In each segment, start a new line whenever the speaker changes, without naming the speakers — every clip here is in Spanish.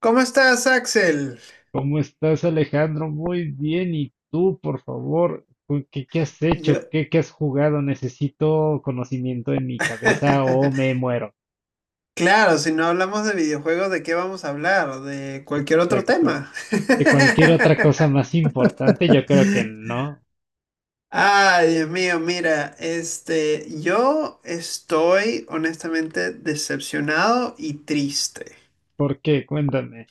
¿Cómo estás, Axel?
¿Cómo estás, Alejandro? Muy bien. ¿Y tú, por favor? ¿Qué has hecho?
Yo...
¿Qué has jugado? Necesito conocimiento en mi cabeza o me muero.
Claro, si no hablamos de videojuegos, ¿de qué vamos a hablar? De cualquier otro
Exacto.
tema.
¿De cualquier otra cosa más importante? Yo creo que no.
Ay, Dios mío, mira, yo estoy honestamente decepcionado y triste
¿Por qué? Cuéntame.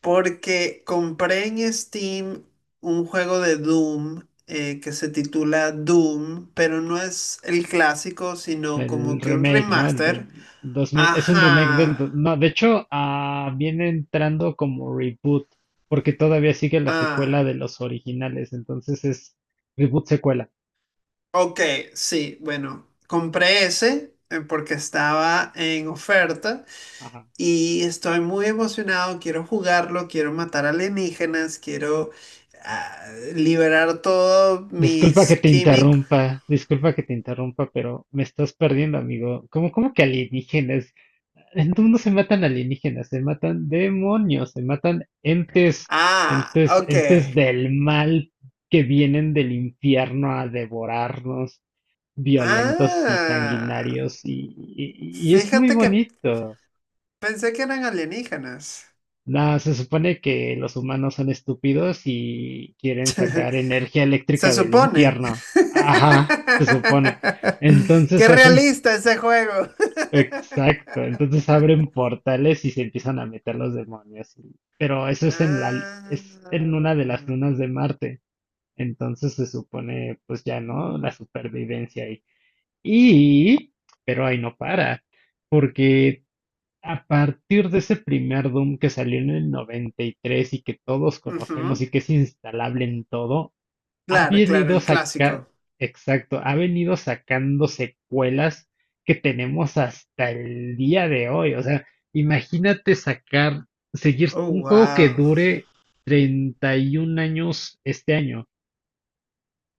porque compré en Steam un juego de Doom que se titula Doom, pero no es el clásico, sino
El
como que un
remake, ¿no? El del
remaster.
2000. Es un remake del...
Ajá.
do- No, de hecho, viene entrando como reboot, porque todavía sigue la
Ah,
secuela de los originales. Entonces es reboot secuela.
ok, sí, bueno, compré ese porque estaba en oferta y estoy muy emocionado, quiero jugarlo, quiero matar alienígenas, quiero ah, liberar todos
Disculpa
mis
que te
químicos.
interrumpa, disculpa que te interrumpa, pero me estás perdiendo, amigo. ¿Cómo que alienígenas? En tu mundo se matan alienígenas, se matan demonios, se matan entes,
Ah,
entes,
ok.
entes del mal que vienen del infierno a devorarnos, violentos y
Ah,
sanguinarios, y es muy
fíjate que
bonito.
pensé que eran alienígenas.
No, se supone que los humanos son estúpidos y quieren sacar energía
Se
eléctrica del
supone.
infierno. Ajá, se supone.
Qué
Entonces hacen,
realista ese juego.
exacto, entonces abren portales y se empiezan a meter los demonios. Pero eso es es en
Ah.
una de las lunas de Marte. Entonces se supone, pues ya no, la supervivencia ahí. Y, pero ahí no para, porque a partir de ese primer Doom que salió en el 93 y que todos conocemos
Ujú.
y que es instalable en todo, ha
Claro, claro,
venido
el
saca,
clásico.
exacto, ha venido sacando secuelas que tenemos hasta el día de hoy. O sea, imagínate seguir
Oh,
un juego que
wow.
dure 31 años este año.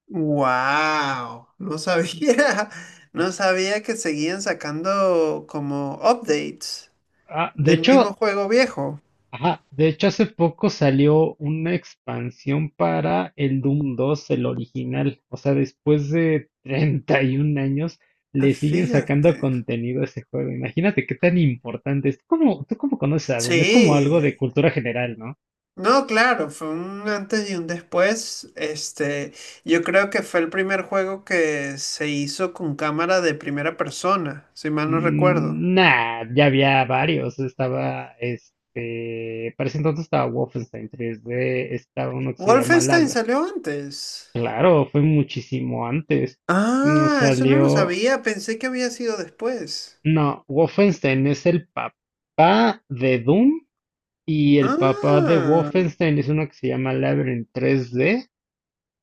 Wow. No sabía. No sabía que seguían sacando como updates
Ah, de
del mismo
hecho,
juego viejo.
Ajá, de hecho hace poco salió una expansión para el Doom 2, el original. O sea, después de 31 años
Ah,
le siguen sacando
fíjate.
contenido a ese juego. Imagínate qué tan importante es. ¿Tú cómo conoces a Doom? Es como
Sí.
algo de cultura general, ¿no?
No, claro, fue un antes y un después. Yo creo que fue el primer juego que se hizo con cámara de primera persona, si mal no recuerdo.
Mm, nah, ya había varios. Este, para ese entonces estaba Wolfenstein 3D, estaba uno que se llama
Wolfenstein
Lab.
salió antes.
Claro, fue muchísimo antes. Mm,
Ah, eso no lo
salió.
sabía, pensé que había sido después.
No, Wolfenstein es el papá de Doom y el papá de
Ah,
Wolfenstein es uno que se llama Labyrinth 3D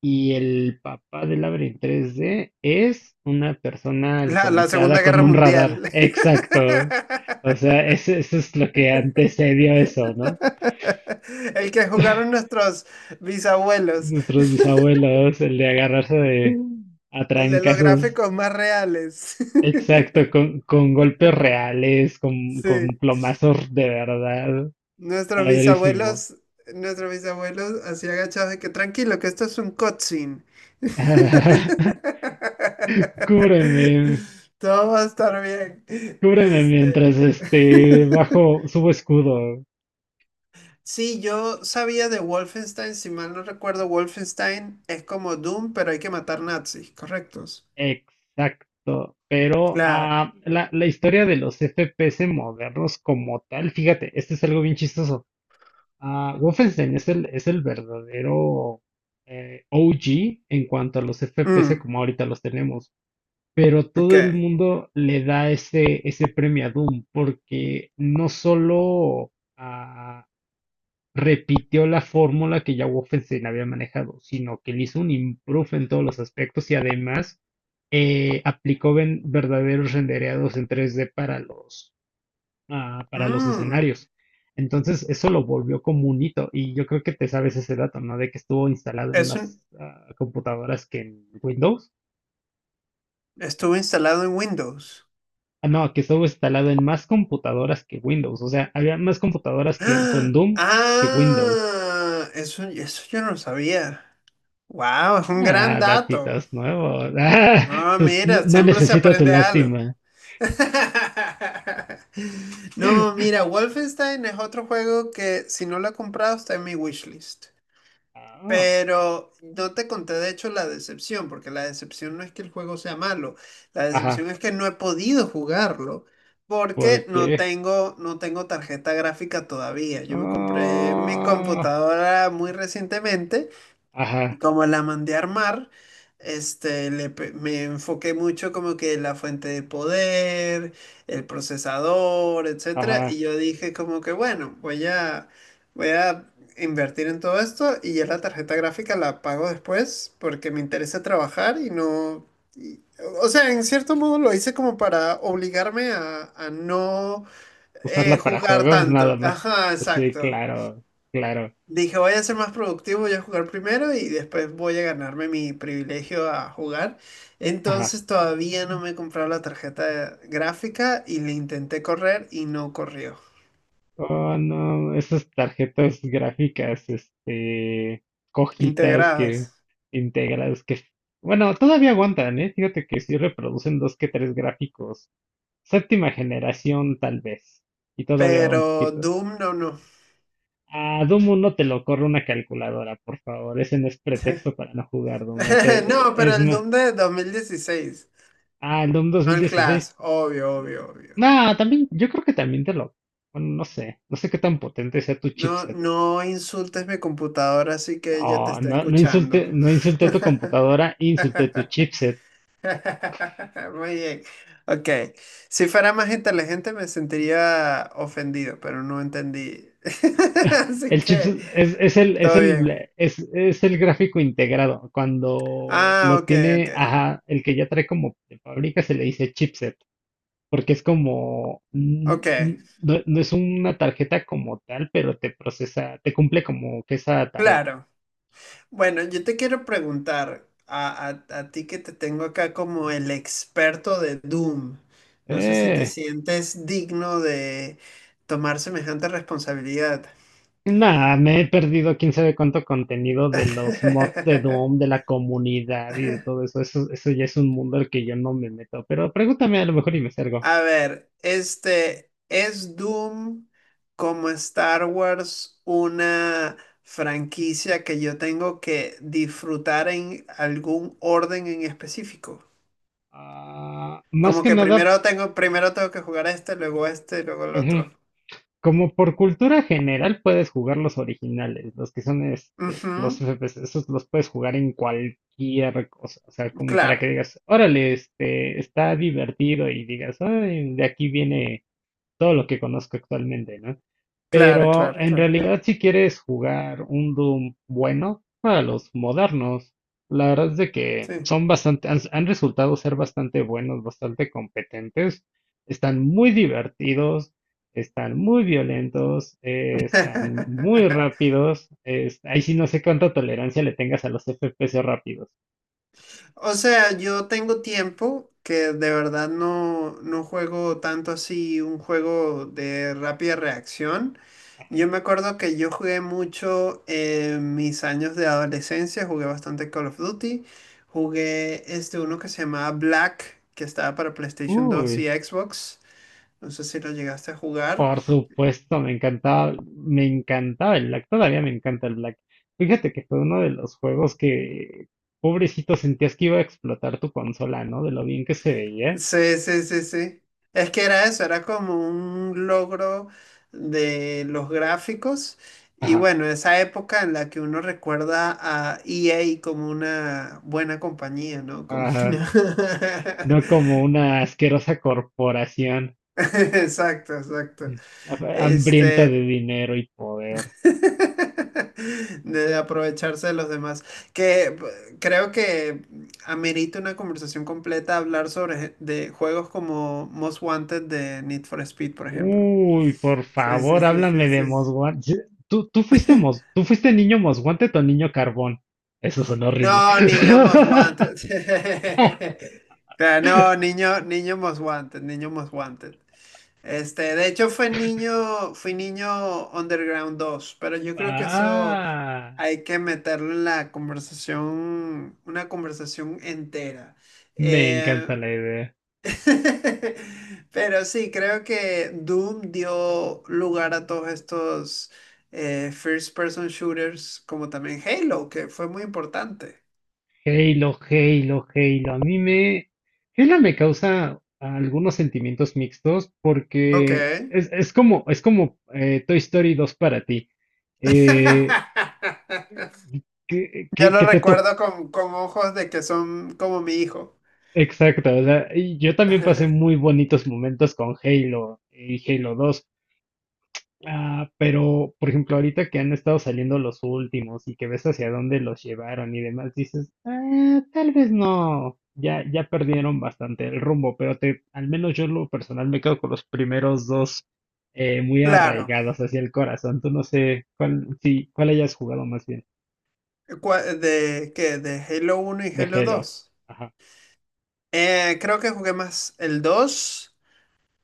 y el papá de Labyrinth 3D es una persona
la, la
alcoholizada
Segunda
con
Guerra
un
Mundial.
radar. Exacto. O sea, eso es lo que antecedió eso, ¿no?
El que jugaron nuestros bisabuelos.
Nuestros bisabuelos, el de agarrarse de
Mm.
a
El de los
trancazos.
gráficos más reales.
Exacto, con golpes reales, con
Sí.
plomazos de verdad.
Nuestros
Padrísimo.
bisabuelos, nuestros bisabuelos así agachados de que tranquilo, que esto es un cutscene.
Cúbreme,
Todo va a estar bien.
cúbreme
Este...
mientras este bajo, subo escudo.
Sí, yo sabía de Wolfenstein, si mal no recuerdo, Wolfenstein es como Doom, pero hay que matar nazis, ¿correctos?
Exacto. Pero
Claro.
la historia de los FPS modernos como tal, fíjate, este es algo bien chistoso. Wolfenstein es el verdadero OG en cuanto a los FPS
Mm,
como ahorita los tenemos. Pero todo el
ok.
mundo le da ese premio a Doom porque no solo repitió la fórmula que ya Wolfenstein había manejado, sino que le hizo un improve en todos los aspectos y además aplicó verdaderos rendereados en 3D para los
Mm,
escenarios. Entonces, eso lo volvió como un hito y yo creo que te sabes ese dato, ¿no? De que estuvo instalado en
es
más
un-
computadoras que en Windows.
estuvo instalado en Windows.
No, que estuvo instalado en más computadoras que Windows. O sea, había más computadoras con
¡Ah!
Doom que Windows.
¡Ah! Eso yo no lo sabía. Wow, es un gran dato.
Datitos nuevos.
No,
No
mira,
no
siempre se
necesito tu
aprende algo.
lástima.
No, mira, Wolfenstein es otro juego que si no lo he comprado está en mi wishlist.
Ah,
Pero no te conté de hecho la decepción, porque la decepción no es que el juego sea malo, la
ajá,
decepción es que no he podido jugarlo porque
¿por
no
qué?
tengo, no tengo tarjeta gráfica todavía. Yo me compré mi
Ah,
computadora muy recientemente y
ajá,
como la mandé a armar, me enfoqué mucho como que la fuente de poder, el procesador, etcétera,
ajá.
y yo dije como que bueno, voy a invertir en todo esto y ya la tarjeta gráfica la pago después porque me interesa trabajar y no, y- o sea, en cierto modo lo hice como para obligarme a no
Usarla para
jugar
juegos, nada
tanto.
más.
Ajá,
Pues sí,
exacto.
claro, claro.
Dije, voy a ser más productivo, voy a jugar primero y después voy a ganarme mi privilegio a jugar.
Ajá.
Entonces todavía no me he comprado la tarjeta gráfica y le intenté correr y no corrió.
Oh, no, esas tarjetas gráficas, este, cojitas
Integradas.
que integras, que, bueno, todavía aguantan, ¿eh? Fíjate que sí reproducen dos que tres gráficos. Séptima generación, tal vez. Y todavía va un
Pero
poquito.
Doom no, no.
A Doom uno te lo corre una calculadora, por favor. Ese no es pretexto para no jugar Doom. Te-
No, pero
es
el
ma-
Doom de 2016.
ah, el Doom
No el
2016.
Clash, obvio, obvio, obvio.
No, también, yo creo que también te lo. Bueno, no sé. No sé qué tan potente sea tu
No,
chipset.
no insultes mi computadora, así que ella te
Oh,
está
no, no insulte,
escuchando.
no insulté tu computadora, insulté tu chipset.
Muy bien. Ok. Si fuera más inteligente me sentiría ofendido, pero no entendí. Así
El chips
que,
es, es el, es
todo
el,
bien.
es, es el gráfico integrado. Cuando
Ah,
lo
ok, ok.
tiene, ajá, el que ya trae como de fábrica se le dice chipset, porque es como,
Ok,
no, no es una tarjeta como tal, pero te procesa, te cumple como que esa tarea.
claro. Bueno, yo te quiero preguntar a ti que te tengo acá como el experto de Doom. No sé si te
Eh,
sientes digno de tomar semejante responsabilidad.
Nada, me he perdido quién sabe cuánto contenido de los mods de Doom, de la comunidad y de todo eso. Eso ya es un mundo al que yo no me meto, pero pregúntame a lo mejor y me salgo.
A ver, este, ¿es Doom como Star Wars una franquicia que yo tengo que disfrutar en algún orden en específico?
Más
Como
que
que
nada.
primero tengo que jugar este, luego el
Ujú.
otro.
Como por cultura general puedes jugar los originales, los que son este, los
Ujú,
FPS, esos los puedes jugar en cualquier cosa, o sea, como para
Claro,
que digas, órale, este, está divertido y digas, "Ay, de aquí viene todo lo que conozco actualmente", ¿no?
claro,
Pero
claro,
en
claro.
realidad, si quieres jugar un Doom bueno, para los modernos, la verdad es de que
Sí.
son han resultado ser bastante buenos, bastante competentes, están muy divertidos, están muy violentos, están muy rápidos. Ahí sí no sé cuánta tolerancia le tengas a los FPS rápidos.
O sea, yo tengo tiempo que de verdad no, no juego tanto así un juego de rápida reacción. Yo me acuerdo que yo jugué mucho en mis años de adolescencia, jugué bastante Call of Duty, jugué este uno que se llamaba Black, que estaba para PlayStation 2 y
Uy.
Xbox, no sé si lo llegaste a jugar.
Por supuesto, me encantaba el Black, todavía me encanta el Black. Fíjate que fue uno de los juegos que, pobrecito, sentías que iba a explotar tu consola, ¿no? De lo bien que se veía.
Sí, sí, sí, sí. Es que era eso, era como un logro de los gráficos y
Ajá,
bueno, esa época en la que uno recuerda a EA como una buena compañía, ¿no? Como
ajá.
una...
No como una asquerosa corporación
Exacto, exacto.
hambrienta de
Este,
dinero y poder.
de aprovecharse de los demás, creo que amerita una conversación completa hablar sobre de juegos como Most Wanted de Need for Speed, por ejemplo.
Uy, por
Sí, sí,
favor,
sí, sí,
háblame de
sí, sí.
Mosguante. Tú fuiste niño Mosguante o niño Carbón. Eso sonó horrible.
No, niño Most Wanted. Claro, no, niño Most Wanted, niño Most Wanted. Este, de hecho fui niño Underground dos, pero yo creo que eso
Ah.
hay que meterlo en la conversación, una conversación entera.
Me
Eh,
encanta la idea.
pero sí, creo que Doom dio lugar a todos estos first person shooters, como también Halo, que fue muy importante.
Halo, Halo, Halo. A mí me. Halo me causa algunos sentimientos mixtos
Ok.
porque es como Toy Story dos para ti. Eh, que,
Ya
que-
lo
que te tocó.
recuerdo con ojos de que son como mi hijo.
Exacto. O sea, y yo también pasé muy bonitos momentos con Halo y Halo 2. Pero, por ejemplo, ahorita que han estado saliendo los últimos y que ves hacia dónde los llevaron y demás, dices, tal vez no, ya, ya perdieron bastante el rumbo, pero al menos yo en lo personal me quedo con los primeros dos muy
Claro,
arraigados hacia el corazón. Tú no sé cuál, sí, cuál hayas jugado más bien.
de Halo uno y
De
Halo
Halo.
2.
Ajá,
Creo que jugué más el 2,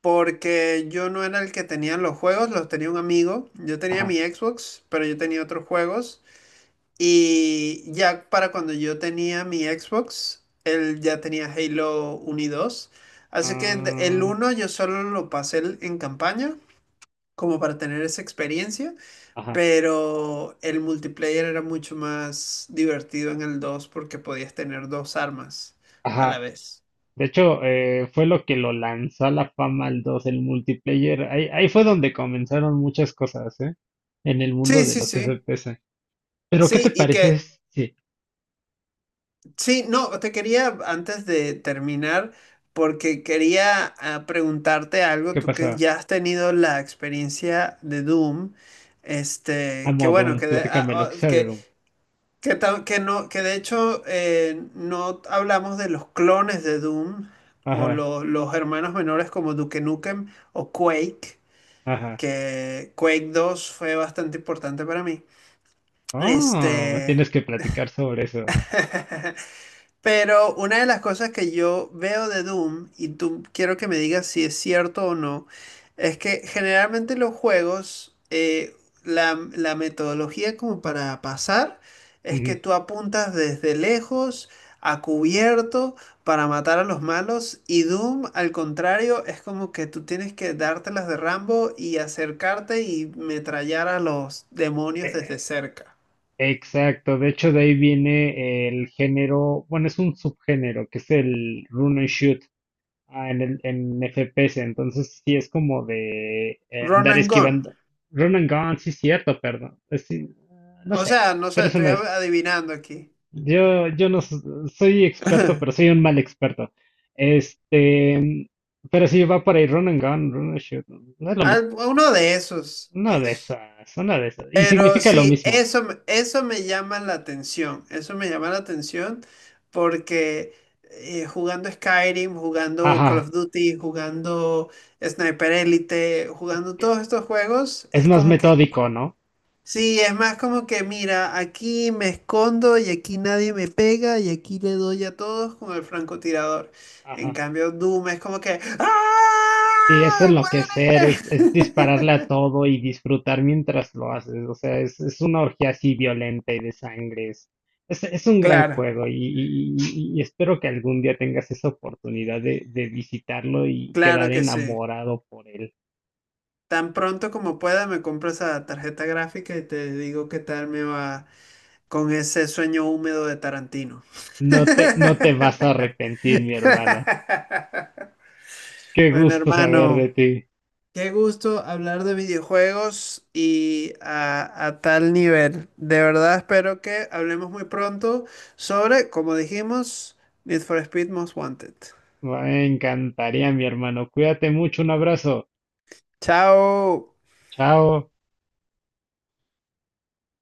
porque yo no era el que tenía los juegos, los tenía un amigo. Yo tenía mi
ajá,
Xbox, pero yo tenía otros juegos y ya para cuando yo tenía mi Xbox, él ya tenía Halo uno y 2. Así que el
ah,
uno yo solo lo pasé en campaña como para tener esa experiencia.
ajá,
Pero el multiplayer era mucho más divertido en el 2 porque podías tener dos armas a la
ajá.
vez.
De hecho, fue lo que lo lanzó a la fama al 2 el multiplayer. Ahí, ahí fue donde comenzaron muchas cosas, ¿eh? En el mundo
Sí,
de
sí,
los
sí.
FPS. Pero, ¿qué te
Sí, y
parece?
que,
Sí,
sí, no, te quería antes de terminar, porque quería preguntarte algo,
¿qué
tú que
pasa?
ya has tenido la experiencia de Doom, este, que
Amo
bueno,
Doom,
que,
platícame lo que sea de
que.
Doom.
Que, que no, que de hecho no hablamos de los clones de Doom
Ajá,
los hermanos menores como Duke Nukem o Quake,
ajá.
que Quake 2 fue bastante importante para mí.
Me
Este,
tienes que platicar sobre eso.
pero una de las cosas que yo veo de Doom, y tú quiero que me digas si es cierto o no, es que generalmente los juegos, la metodología como para pasar es
Ujú.
que tú apuntas desde lejos, a cubierto, para matar a los malos, y Doom, al contrario, es como que tú tienes que dártelas de Rambo y acercarte y metrallar a los demonios desde
Eh,
cerca.
exacto, de hecho, de ahí viene el género, bueno, es un subgénero que es el run and shoot. En FPS, entonces sí es como de
Run
andar
and gun.
esquivando. Run and gun, sí es cierto, perdón. Es sí, no
O
sé,
sea, no sé,
pero es
estoy
uno de esos.
adivinando aquí.
Yo no soy experto, pero soy un mal experto. Este, pero sí va por ahí, run and gun, run and shoot. No es lo mismo.
Uno de esos,
Una de
eso.
esas, una de esas. Y
Pero
significa lo
sí,
mismo.
eso, eso me llama la atención, eso me llama la atención porque jugando Skyrim, jugando Call of
Ajá.
Duty, jugando Sniper Elite, jugando todos
que
estos juegos,
Es
es
más
como que,
metódico, ¿no?
sí, es más como que, mira, aquí me escondo y aquí nadie me pega y aquí le doy a todos con el francotirador. En
Ajá.
cambio, Doom es como que,
Y es
¡ah!
enloquecer, es dispararle a
¡Muere!
todo y disfrutar mientras lo haces. O sea, es una orgía así violenta y de sangre. Es un gran
Claro,
juego y espero que algún día tengas esa oportunidad de visitarlo y
claro
quedar
que sí.
enamorado por él.
Tan pronto como pueda me compro esa tarjeta gráfica y te digo qué tal me va con ese sueño húmedo de Tarantino.
No te vas a arrepentir, mi hermano. Qué
Bueno,
gusto saber de
hermano,
ti.
qué gusto hablar de videojuegos y a tal nivel. De verdad espero que hablemos muy pronto sobre, como dijimos, Need for Speed Most Wanted.
Me encantaría, mi hermano. Cuídate mucho. Un abrazo.
Chao.
Chao.